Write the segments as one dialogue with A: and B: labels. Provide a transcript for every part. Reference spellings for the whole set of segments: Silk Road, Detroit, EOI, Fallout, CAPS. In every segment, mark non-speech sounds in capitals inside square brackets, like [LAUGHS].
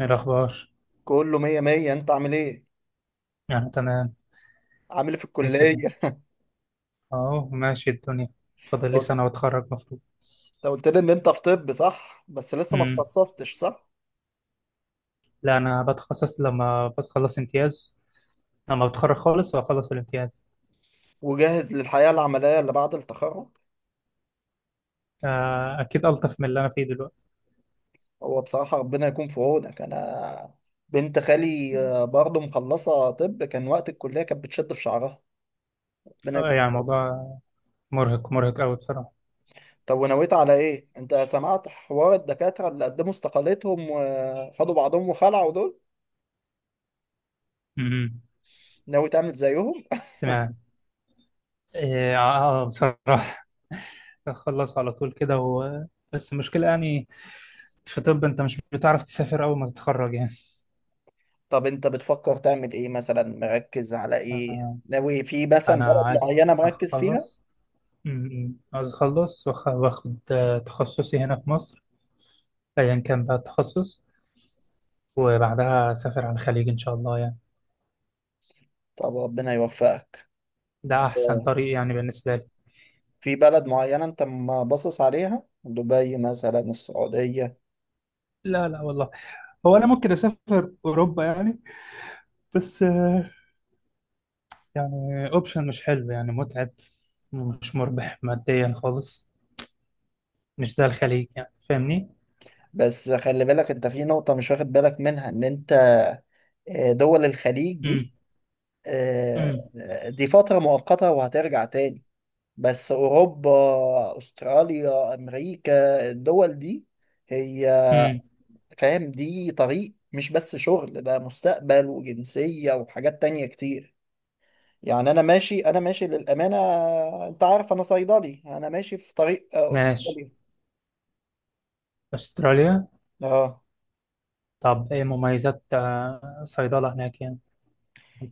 A: إيه الأخبار؟
B: كله مية مية. انت عامل ايه؟
A: يعني تمام.
B: عامل ايه في
A: إيه كده؟
B: الكلية؟
A: أهو ماشي الدنيا. فاضل لي
B: انت
A: سنة وأتخرج مفروض.
B: قلت لي ان انت في طب، صح؟ بس لسه ما
A: امم
B: تخصصتش، صح؟
A: لا، أنا بتخصص لما بتخلص امتياز، لما بتخرج خالص وأخلص الامتياز.
B: وجاهز للحياة العملية اللي بعد التخرج.
A: آه، أكيد ألطف من اللي أنا فيه دلوقتي.
B: هو بصراحة ربنا يكون في عونك. انا بنت خالي برضه مخلصة طب، كان وقت الكلية كانت بتشد في شعرها. ربنا
A: آه،
B: يكون في
A: يعني
B: عونك.
A: الموضوع مرهق مرهق أوي بصراحة.
B: طب ونويت على ايه؟ انت سمعت حوار الدكاترة اللي قدموا استقالتهم وخدوا بعضهم وخلعوا دول؟
A: امم
B: ناوي تعمل زيهم؟
A: سمعت. إيه، آه. آه، بصراحة. [LAUGHS] أخلص على طول كده و... بس المشكلة يعني في طب أنت مش بتعرف تسافر أول ما تتخرج يعني.
B: طب انت بتفكر تعمل ايه؟ مثلا مركز على ايه؟
A: آه،
B: ناوي في مثلا
A: أنا
B: بلد
A: عايز
B: معينة مركز فيها؟
A: أخلص. م- م. عاوز أخلص وآخد، تخصصي هنا في مصر، أيا كان بقى التخصص، وبعدها أسافر على الخليج إن شاء الله يعني.
B: طب ربنا يوفقك.
A: ده أحسن
B: اه،
A: طريق يعني بالنسبة لي.
B: في بلد معينة انت ما باصص عليها؟ دبي مثلا؟ السعودية؟
A: لا، لا والله. هو أنا ممكن أسافر أوروبا يعني، بس يعني أوبشن مش حلو يعني متعب، ومش مربح ماديا خالص، مش زي الخليج يعني. فاهمني؟
B: بس خلي بالك انت في نقطة مش واخد بالك منها، ان انت اه، دول الخليج
A: امم.
B: دي،
A: امم.
B: اه، دي فترة مؤقتة وهترجع تاني. بس اوروبا، استراليا، امريكا، الدول دي هي،
A: امم.
B: فاهم، دي طريق، مش بس شغل، ده مستقبل وجنسية وحاجات تانية كتير. يعني أنا ماشي للأمانة. أنت عارف أنا صيدلي، أنا ماشي في طريق
A: ماشي.
B: أسطوري.
A: أستراليا.
B: أه،
A: طب إيه مميزات صيدلة هناك يعني؟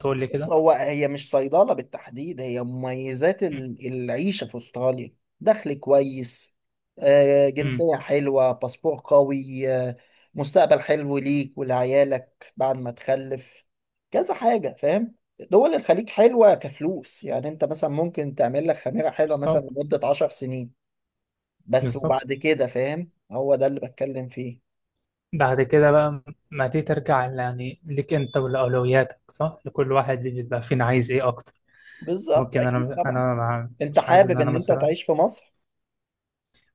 A: تقول لي
B: بص،
A: كده؟
B: هو هي مش صيدلة بالتحديد، هي مميزات العيشة في أستراليا. دخل كويس،
A: امم.
B: جنسية حلوة، باسبور قوي، مستقبل حلو ليك ولعيالك بعد ما تخلف، كذا حاجة، فاهم. دول الخليج حلوة كفلوس، يعني انت مثلا ممكن تعمل لك خميرة حلوة مثلا
A: بالظبط.
B: لمدة عشر سنين بس،
A: بالظبط.
B: وبعد كده، فاهم؟ هو ده اللي بتكلم فيه.
A: بعد كده بقى، ما دي ترجع يعني ليك انت ولأولوياتك، صح، لكل واحد بيبقى فينا عايز ايه اكتر.
B: بالظبط،
A: ممكن
B: أكيد
A: انا
B: طبعا.
A: انا
B: انت
A: مش عايز ان
B: حابب
A: انا
B: ان انت
A: مثلا.
B: تعيش في مصر.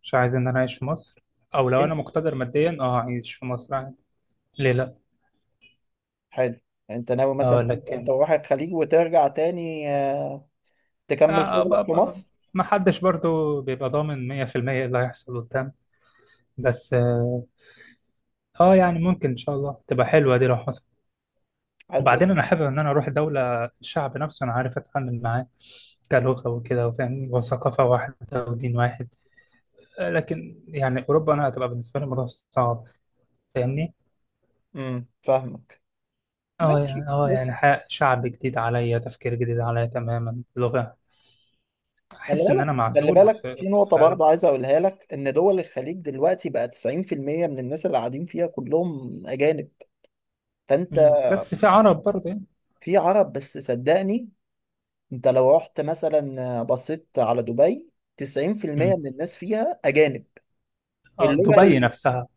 A: مش عايز ان انا اعيش في مصر، او لو انا مقتدر ماديا اعيش في مصر عادي. ليه لا.
B: حلو. انت ناوي مثلا
A: اه،
B: انت
A: لكن
B: تروح الخليج وترجع تاني تكمل
A: آه ب-
B: شغلك في
A: ب-
B: مصر.
A: ما حدش برضو بيبقى ضامن 100% ايه اللي هيحصل قدام. بس يعني ممكن ان شاء الله تبقى حلوة دي لو حصل.
B: حلو، بص.
A: وبعدين انا حابب ان انا اروح دوله الشعب نفسه انا عارف اتعامل معاه، كلغه وكده وفاهم، وثقافه واحده ودين واحد. لكن يعني اوروبا انا هتبقى بالنسبه لي الموضوع صعب. فاهمني؟
B: امم، فاهمك.
A: اه
B: ماشي
A: يعني يعني
B: بص،
A: شعب جديد عليا، تفكير جديد عليا تماما، لغه.
B: خلي
A: احس ان
B: بالك،
A: انا
B: خلي
A: معزول
B: بالك في
A: في.
B: نقطة
A: فعلا.
B: برضه عايز أقولها لك، إن دول الخليج دلوقتي بقى 90% من الناس اللي قاعدين فيها كلهم أجانب. فأنت،
A: مم. بس في عرب برضه يعني.
B: في عرب، بس صدقني، أنت لو رحت مثلا، بصيت على دبي، 90%
A: مم.
B: من الناس فيها أجانب.
A: اه،
B: اللغة
A: دبي نفسها.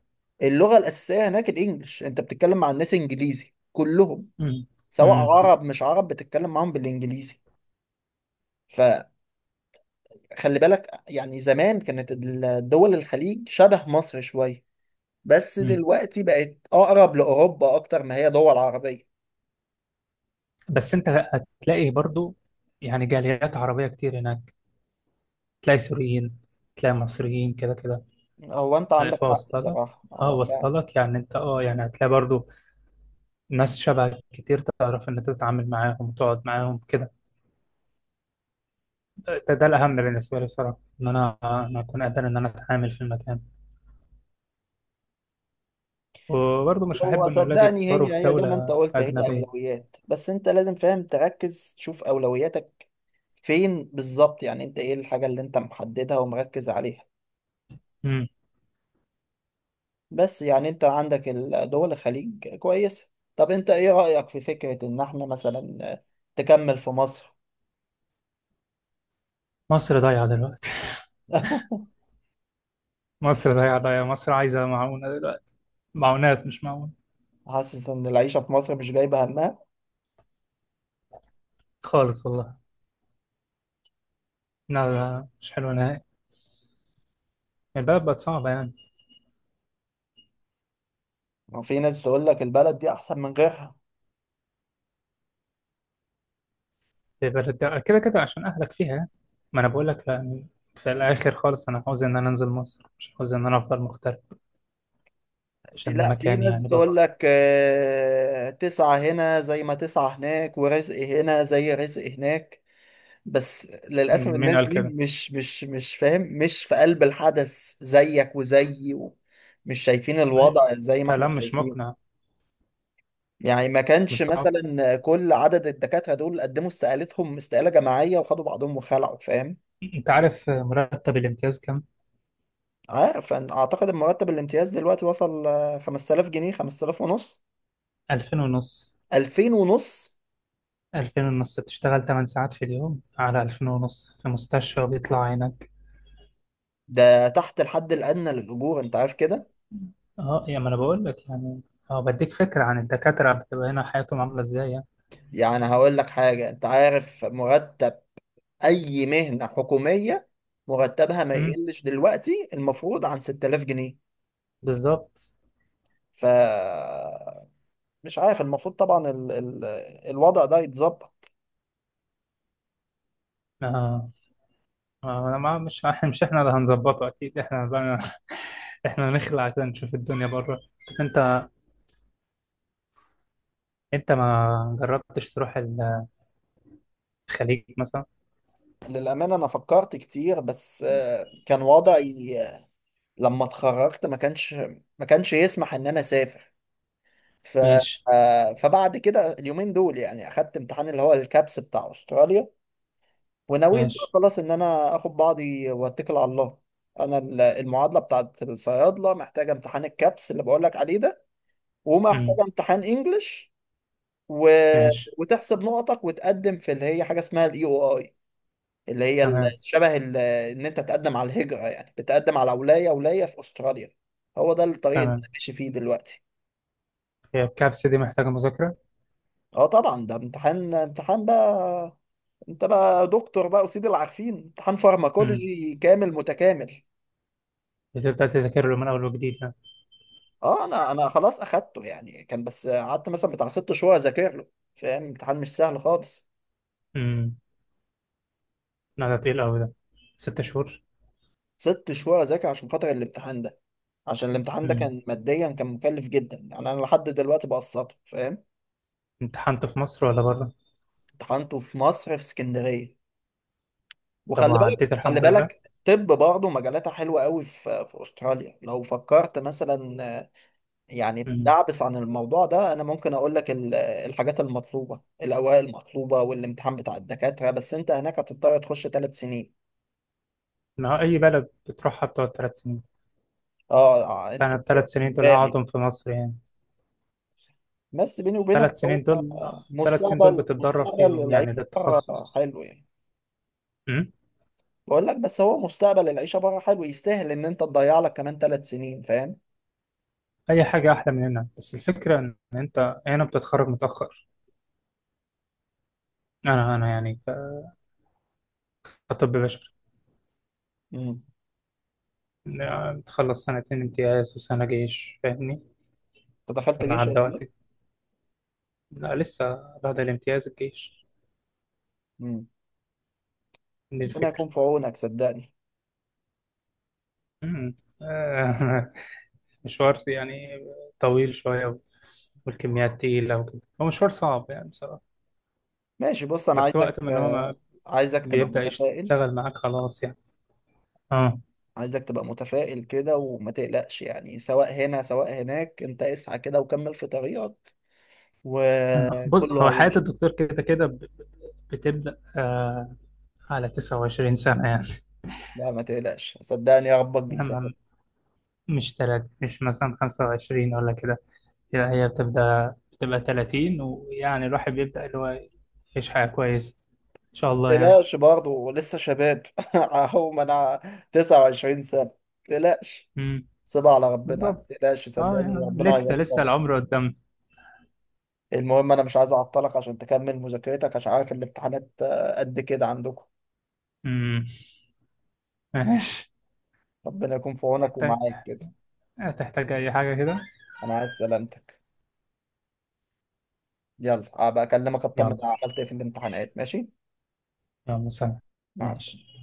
B: اللغة الأساسية هناك الإنجليش، أنت بتتكلم مع الناس إنجليزي كلهم،
A: مم.
B: سواء
A: مم.
B: عرب مش عرب بتتكلم معاهم بالانجليزي. فخلي بالك، يعني زمان كانت الدول الخليج شبه مصر شوية، بس
A: مم.
B: دلوقتي بقت اقرب لاوروبا اكتر ما هي دول عربية.
A: بس انت هتلاقي برضه يعني جاليات عربيه كتير هناك، تلاقي سوريين، تلاقي مصريين كده كده.
B: هو انت عندك
A: شايف؟
B: حق
A: اوصل لك
B: بصراحة،
A: اه
B: هو فعلا.
A: اوصل لك يعني، انت يعني هتلاقي برضو ناس شبهك كتير، تعرف ان انت تتعامل معاهم وتقعد معاهم كده. ده الاهم بالنسبه لي بصراحه، ان انا اكون قادر ان انا اتعامل في المكان. وبرضو مش
B: هو
A: هحب ان اولادي
B: صدقني،
A: يكبروا في
B: هي زي ما انت
A: دوله
B: قلت، هي
A: اجنبيه.
B: اولويات، بس انت لازم فاهم تركز تشوف اولوياتك فين بالظبط. يعني انت ايه الحاجة اللي انت محددها ومركز عليها؟
A: امم.
B: بس يعني انت عندك دول الخليج كويسة. طب انت ايه رأيك في فكرة ان احنا مثلا تكمل في مصر؟
A: مصر ضايعه دلوقتي.
B: [LAUGHS]
A: [LAUGHS] مصر ضايعه ضايعه، مصر عايزه معونه دلوقتي، معونات مش معونه.
B: حاسس ان العيشة في مصر مش جايبة همها.
A: خالص والله. لا، لا، مش حلوه نهائي. البلد بقت صعبه يعني.
B: وفي ناس تقول لك البلد دي احسن من غيرها.
A: في بلد، ده كده كده عشان أهلك فيها. ما أنا بقول لك، لا، في الآخر خالص أنا عاوز إن أنا أنزل مصر، مش عاوز إن أنا أفضل مغترب،
B: في،
A: عشان ده
B: لا، في
A: مكاني
B: ناس
A: يعني
B: بتقول
A: برضه.
B: لك تسعة هنا زي ما تسعة هناك، ورزق هنا زي رزق هناك. بس للأسف
A: مين
B: الناس
A: قال
B: دي
A: كده؟
B: مش فاهم، مش في قلب الحدث زيك وزيي، مش شايفين الوضع
A: أيوة.
B: زي ما احنا
A: كلام مش
B: شايفين.
A: مقنع.
B: يعني ما
A: مش
B: كانش
A: صعب.
B: مثلا كل عدد الدكاترة دول قدموا استقالتهم استقالة جماعية وخدوا بعضهم وخلعوا، فاهم.
A: أنت عارف مرتب الامتياز كام؟
B: عارف، أنا أعتقد إن مرتب الامتياز دلوقتي وصل 5000 جنيه، 5000 ونص.
A: 2000 ونص.
B: 2000 ونص؟
A: 2000 ونص، بتشتغل 8 ساعات في اليوم على 2000 ونص في مستشفى وبيطلع عينك.
B: ده تحت الحد الأدنى للأجور، أنت عارف كده.
A: أه، يا ما أنا بقول لك يعني. أه بديك فكرة عن الدكاترة، بتبقى هنا حياتهم عاملة إزاي يعني.
B: يعني هقول لك حاجة، أنت عارف مرتب أي مهنة حكومية مرتبها ما
A: أمم.
B: يقلش دلوقتي المفروض عن 6000 جنيه.
A: بالظبط.
B: ف مش عارف، المفروض طبعا ال الوضع ده يتظبط.
A: آه، آه، انا ما مش [LAUGHS] مش احنا اللي هنظبطه، اكيد احنا بقى. [LAUGHS] احنا نخلع عشان نشوف الدنيا بره. طب انت، ما جربتش تروح الخليج مثلا؟
B: للأمانة أنا فكرت كتير، بس كان وضعي لما اتخرجت ما كانش يسمح إن أنا أسافر. ف
A: ماشي.
B: فبعد كده اليومين دول يعني أخدت امتحان اللي هو الكابس بتاع أستراليا، ونويت بقى
A: ماشي.
B: خلاص إن أنا آخد بعضي وأتكل على الله. أنا المعادلة بتاعت الصيادلة محتاجة امتحان الكابس اللي بقولك عليه ده، ومحتاجة
A: امم.
B: امتحان إنجلش و...
A: ماشي.
B: وتحسب نقطك وتقدم في اللي هي حاجة اسمها الإي أو آي. اللي هي ال-
A: تمام.
B: شبه ال- ان انت تقدم على الهجرة، يعني بتقدم على ولاية في استراليا. هو ده الطريق اللي
A: تمام.
B: انا ماشي فيه دلوقتي.
A: هي الكبسة دي محتاجة مذاكرة.
B: اه طبعا، ده امتحان بقى، انت بقى دكتور بقى وسيد العارفين. امتحان
A: امم.
B: فارماكولوجي كامل متكامل.
A: بتبدأ تذاكر له من اول وجديد يعني.
B: اه، انا خلاص اخدته. يعني كان، بس قعدت مثلا بتاع ست شهور اذاكر له. فاهم، امتحان مش سهل خالص.
A: امم. لا ده تقيل قوي ده. 6 شهور.
B: ست شهور اذاكر عشان خاطر الامتحان ده. عشان الامتحان ده
A: امم.
B: كان ماديا كان مكلف جدا، يعني انا لحد دلوقتي بقسطه، فاهم.
A: امتحنت في مصر ولا بره؟
B: امتحنته في مصر في اسكندرية.
A: طب
B: وخلي بالك،
A: وعديت
B: خلي
A: الحمد لله.
B: بالك، طب برضه مجالاتها حلوة قوي في في أستراليا لو فكرت مثلا يعني
A: امم.
B: تدعبس عن الموضوع ده، أنا ممكن أقول لك الحاجات المطلوبة، الأوراق المطلوبة والامتحان بتاع الدكاترة، بس أنت هناك هتضطر تخش ثلاث سنين.
A: ما هو اي بلد بتروحها بتقعد 3 سنين.
B: أه
A: فانا
B: أنتوا،
A: الثلاث سنين دول
B: إجباري.
A: هقعدهم في مصر يعني.
B: بس بيني وبينك،
A: ثلاث
B: هو
A: سنين دول. الثلاث سنين دول
B: مستقبل،
A: بتتدرب
B: مستقبل
A: فيهم
B: العيشة
A: يعني
B: بره
A: للتخصص.
B: حلو يعني.
A: أمم.
B: بقول لك، بس هو مستقبل العيشة بره حلو، يستاهل إن أنت تضيع لك كمان ثلاث سنين، فاهم؟
A: اي حاجه احلى من هنا، بس الفكره ان انت هنا بتتخرج متاخر. انا يعني كطب بشري،
B: مم.
A: يعني تخلص سنتين امتياز وسنه جيش. فاهمني؟
B: أنت دخلت
A: كنا
B: جيش يا
A: عدى
B: إسلام؟
A: وقتي. لا، لسه بعد الامتياز الجيش، دي
B: ربنا
A: الفكره.
B: يكون في عونك صدقني.
A: أمم. آه. [LAUGHS] مشوار يعني طويل شويه، والكميات تقيله وكده، هو مشوار صعب يعني بصراحه.
B: ماشي بص، انا
A: بس
B: عايزك،
A: وقت ما إن هو ما
B: عايزك تبقى
A: بيبدا
B: متفائل.
A: يشتغل معاك خلاص يعني. اه.
B: عايزك تبقى متفائل كده وما تقلقش. يعني سواء هنا سواء هناك، انت اسعى كده وكمل في طريقك
A: آه، بص
B: وكله
A: هو حياة
B: هيمشي.
A: الدكتور كده كده بتبدأ على 29 سنة يعني.
B: لا، ما تقلقش، صدقني، يا ربك
A: يعني
B: بيسهل.
A: مش تلات مش مثلا 25 ولا كده. يعني هي بتبدأ بتبقى 30، ويعني الواحد بيبدأ اللي هو يعيش حياة كويسة إن شاء
B: ما
A: الله يعني.
B: تقلقش، برضه لسه شباب. [LAUGHS] اهو ما انا 29 سنة. ما تقلقش،
A: امم.
B: سيبها على ربنا، ما
A: بالظبط.
B: تقلقش،
A: اه
B: صدقني،
A: يعني،
B: ربنا
A: لسه لسه
B: هيوفقك.
A: العمر قدام.
B: المهم انا مش عايز اعطلك عشان تكمل مذاكرتك، عشان عارف الامتحانات قد كده عندكم.
A: امم. ماشي.
B: ربنا يكون في عونك
A: تحتاج،
B: ومعاك كده.
A: أي حاجة كده.
B: انا عايز سلامتك. يلا ابقى اكلمك اطمن
A: يلا.
B: أنا عملت ايه في الامتحانات. ماشي،
A: يلا سلام.
B: مع السلامه.
A: ماشي.